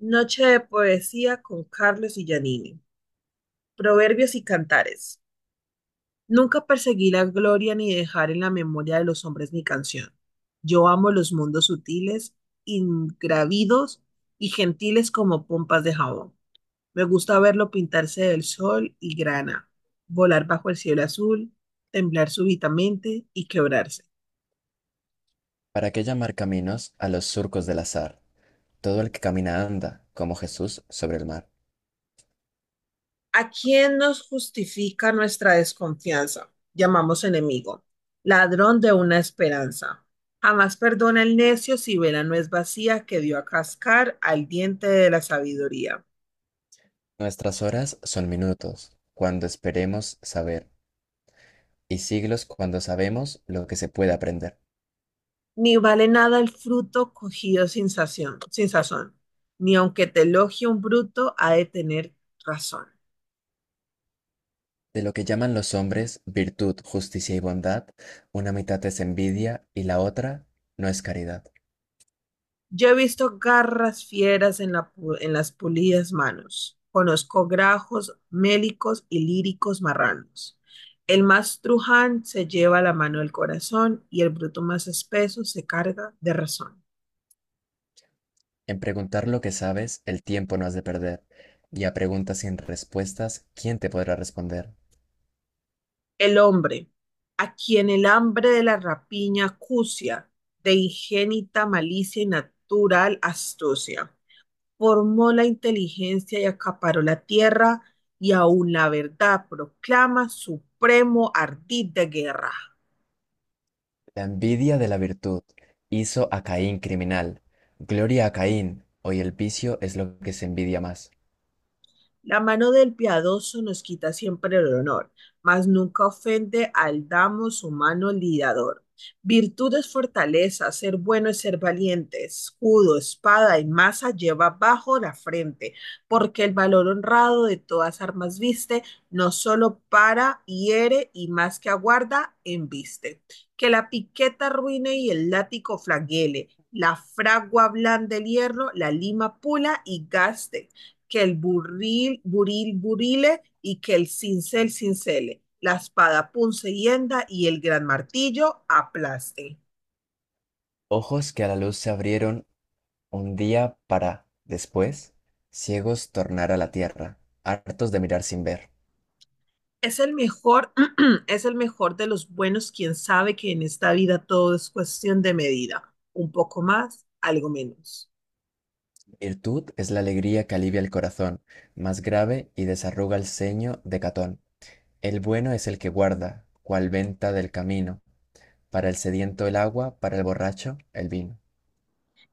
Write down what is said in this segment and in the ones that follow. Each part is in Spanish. Noche de poesía con Carlos y Giannini. Proverbios y cantares. Nunca perseguí la gloria ni dejar en la memoria de los hombres mi canción. Yo amo los mundos sutiles, ingravidos y gentiles como pompas de jabón. Me gusta verlo pintarse del sol y grana, volar bajo el cielo azul, temblar súbitamente y quebrarse. ¿Para qué llamar caminos a los surcos del azar? Todo el que camina anda, como Jesús sobre el mar. ¿A quién nos justifica nuestra desconfianza? Llamamos enemigo, ladrón de una esperanza. Jamás perdona el necio si vela no es vacía que dio a cascar al diente de la sabiduría. Nuestras horas son minutos, cuando esperemos saber, y siglos cuando sabemos lo que se puede aprender. Ni vale nada el fruto cogido sin sazón, ni aunque te elogie un bruto ha de tener razón. De lo que llaman los hombres virtud, justicia y bondad, una mitad es envidia y la otra no es caridad. Yo he visto garras fieras en las pulidas manos. Conozco grajos, mélicos y líricos marranos. El más truján se lleva la mano del corazón y el bruto más espeso se carga de razón. En preguntar lo que sabes, el tiempo no has de perder, y a preguntas sin respuestas, ¿quién te podrá responder? El hombre, a quien el hambre de la rapiña acucia, de ingénita malicia y natural astucia. Formó la inteligencia y acaparó la tierra, y aún la verdad proclama supremo ardid de guerra. La envidia de la virtud hizo a Caín criminal. Gloria a Caín. Hoy el vicio es lo que se envidia más. La mano del piadoso nos quita siempre el honor, mas nunca ofende al damo su mano lidador. Virtud es fortaleza, ser bueno es ser valiente, escudo, espada y masa lleva bajo la frente, porque el valor honrado de todas armas viste, no solo para, hiere y más que aguarda, embiste. Que la piqueta ruine y el látigo flagele, la fragua blanda el hierro, la lima pula y gaste que el burril, buril, burile y que el cincel, cincele, la espada, punce y henda y el gran martillo aplaste. Ojos que a la luz se abrieron un día para, después, ciegos tornar a la tierra, hartos de mirar sin ver. Es el mejor, es el mejor de los buenos quien sabe que en esta vida todo es cuestión de medida, un poco más, algo menos. Virtud es la alegría que alivia el corazón, más grave y desarruga el ceño de Catón. El bueno es el que guarda, cual venta del camino, para el sediento el agua, para el borracho el vino.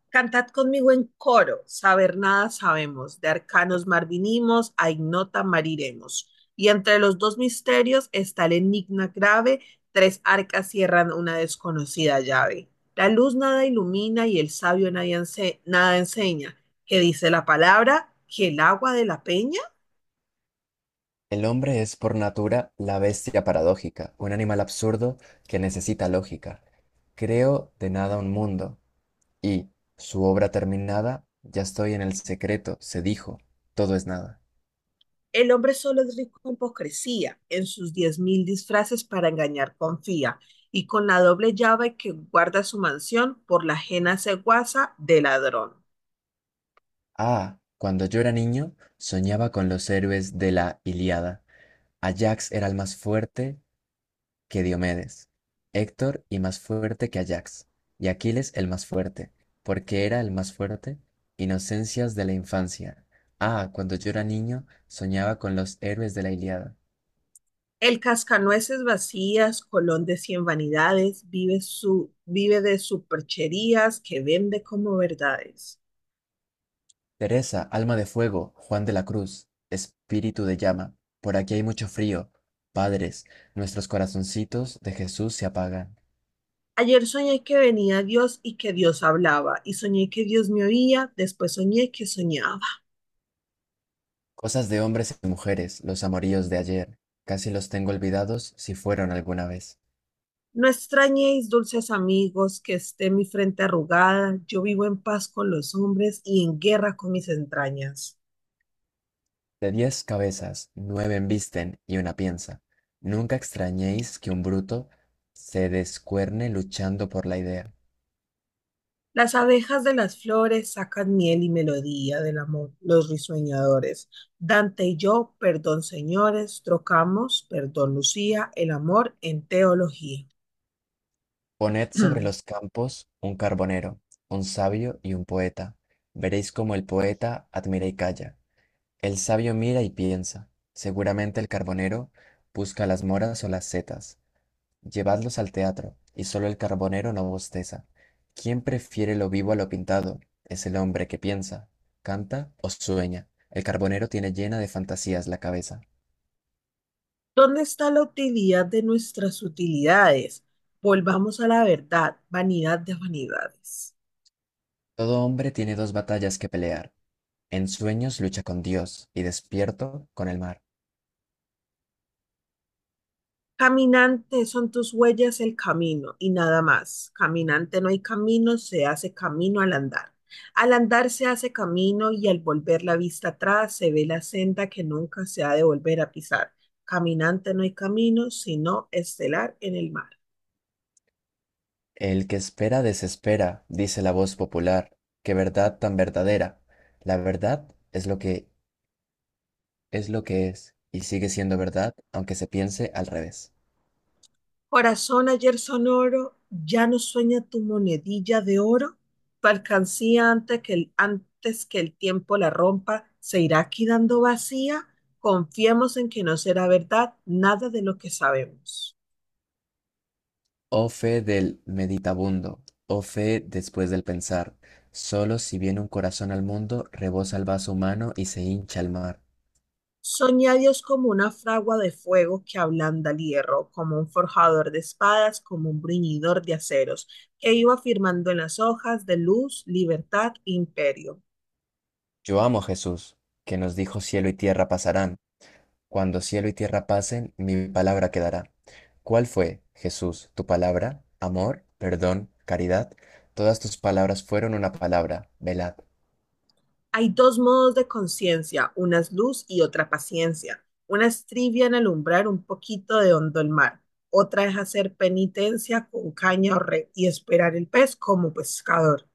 Cantad conmigo en coro, saber nada sabemos, de arcanos mar vinimos, a ignota mariremos. Y entre los dos misterios está el enigma grave, tres arcas cierran una desconocida llave. La luz nada ilumina y el sabio nadie ense- nada enseña, que dice la palabra, que el agua de la peña. El hombre es por natura la bestia paradójica, un animal absurdo que necesita lógica. Creo de nada un mundo, y, su obra terminada, ya estoy en el secreto, se dijo, todo es nada. El hombre solo es rico en hipocresía, en sus 10.000 disfraces para engañar confía, y con la doble llave que guarda su mansión por la ajena ceguaza de ladrón. Ah, cuando yo era niño, soñaba con los héroes de la Ilíada. Ajax era el más fuerte, que Diomedes, Héctor y más fuerte que Ajax, y Aquiles el más fuerte, porque era el más fuerte, inocencias de la infancia. Ah, cuando yo era niño, soñaba con los héroes de la Ilíada. El cascanueces vacías, colón de 100 vanidades, vive, vive de supercherías que vende como verdades. Teresa, alma de fuego, Juan de la Cruz, espíritu de llama, por aquí hay mucho frío. Padres, nuestros corazoncitos de Jesús se apagan. Ayer soñé que venía Dios y que Dios hablaba, y soñé que Dios me oía, después soñé que soñaba. Cosas de hombres y mujeres, los amoríos de ayer, casi los tengo olvidados si fueron alguna vez. No extrañéis, dulces amigos, que esté mi frente arrugada. Yo vivo en paz con los hombres y en guerra con mis entrañas. De diez cabezas, nueve embisten y una piensa. Nunca extrañéis que un bruto se descuerne luchando por la idea. Las abejas de las flores sacan miel y melodía del amor, los risueñadores. Dante y yo, perdón señores, trocamos, perdón Lucía, el amor en teología. Poned sobre los campos un carbonero, un sabio y un poeta. Veréis cómo el poeta admira y calla. El sabio mira y piensa. Seguramente el carbonero busca las moras o las setas. Llevadlos al teatro, y solo el carbonero no bosteza. ¿Quién prefiere lo vivo a lo pintado? Es el hombre que piensa, canta o sueña. El carbonero tiene llena de fantasías la cabeza. ¿Dónde está la utilidad de nuestras utilidades? Volvamos a la verdad, vanidad de vanidades. Todo hombre tiene dos batallas que pelear. En sueños lucha con Dios y despierto con el mar. Caminante son tus huellas el camino y nada más. Caminante no hay camino, se hace camino al andar. Al andar se hace camino y al volver la vista atrás se ve la senda que nunca se ha de volver a pisar. Caminante no hay camino, sino estelar en el mar. El que espera desespera, dice la voz popular. Qué verdad tan verdadera. La verdad es lo que es lo que es y sigue siendo verdad aunque se piense al revés. Corazón ayer sonoro, ya no sueña tu monedilla de oro, tu alcancía antes que el tiempo la rompa, se irá quedando vacía, confiemos en que no será verdad nada de lo que sabemos. Oh fe del meditabundo, oh fe después del pensar, solo si viene un corazón al mundo, rebosa el vaso humano y se hincha el mar. Soñé a Dios como una fragua de fuego que ablanda el hierro, como un forjador de espadas, como un bruñidor de aceros, que iba firmando en las hojas de luz, libertad, imperio. Yo amo a Jesús, que nos dijo cielo y tierra pasarán. Cuando cielo y tierra pasen, mi palabra quedará. ¿Cuál fue, Jesús, tu palabra? Amor, perdón, caridad. Todas tus palabras fueron una palabra, velad. Hay dos modos de conciencia, una es luz y otra paciencia. Una es trivia en alumbrar un poquito de hondo el mar, otra es hacer penitencia con caña o red y esperar el pez como pescador.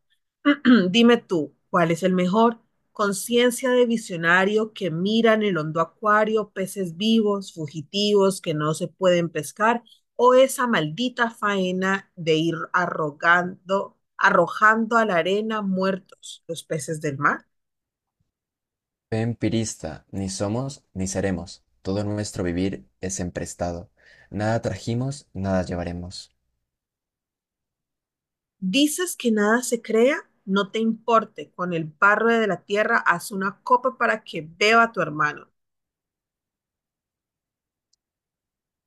Dime tú, ¿cuál es el mejor? Conciencia de visionario que mira en el hondo acuario peces vivos, fugitivos que no se pueden pescar, o esa maldita faena de ir arrojando a la arena muertos los peces del mar. Fe empirista, ni somos ni seremos. Todo nuestro vivir es emprestado. Nada trajimos, nada llevaremos. Dices que nada se crea, no te importe, con el barro de la tierra haz una copa para que beba tu hermano.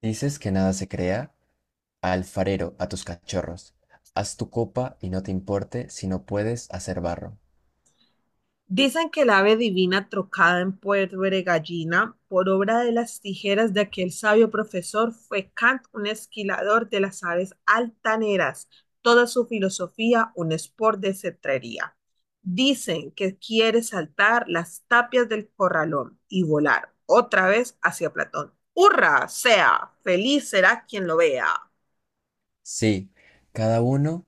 Dices que nada se crea, alfarero, a tus cachorros. Haz tu copa y no te importe si no puedes hacer barro. Dicen que el ave divina trocada en puerbre gallina por obra de las tijeras de aquel sabio profesor fue Kant un esquilador de las aves altaneras, toda su filosofía un sport de cetrería. Dicen que quiere saltar las tapias del corralón y volar otra vez hacia Platón. ¡Hurra! Sea, feliz será quien lo vea. Sí, cada uno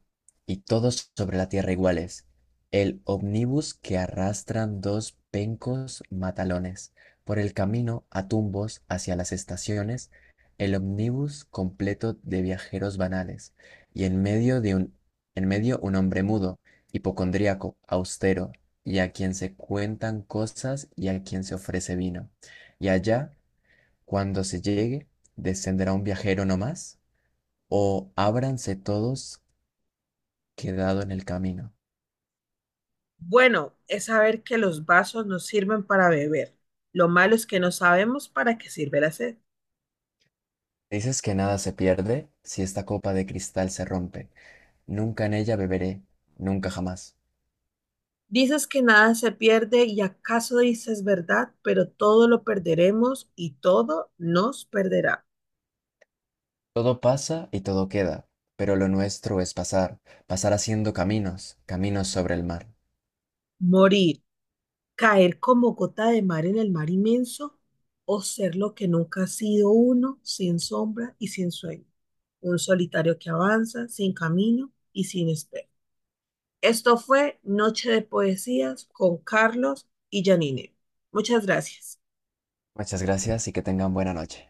y todos sobre la tierra iguales. El omnibus que arrastran dos pencos matalones. Por el camino a tumbos hacia las estaciones, el omnibus completo de viajeros banales. Y en medio de un, en medio un hombre mudo, hipocondríaco, austero, y a quien se cuentan cosas y a quien se ofrece vino. Y allá, cuando se llegue, descenderá un viajero no más o ábranse todos quedado en el camino. Bueno, es saber que los vasos nos sirven para beber. Lo malo es que no sabemos para qué sirve la sed. Dices que nada se pierde si esta copa de cristal se rompe, nunca en ella beberé, nunca jamás. Dices que nada se pierde y acaso dices verdad, pero todo lo perderemos y todo nos perderá. Todo pasa y todo queda, pero lo nuestro es pasar, pasar haciendo caminos, caminos sobre el mar. Morir, caer como gota de mar en el mar inmenso o ser lo que nunca ha sido uno, sin sombra y sin sueño. Un solitario que avanza sin camino y sin espera. Esto fue Noche de Poesías con Carlos y Janine. Muchas gracias. Muchas gracias y que tengan buena noche.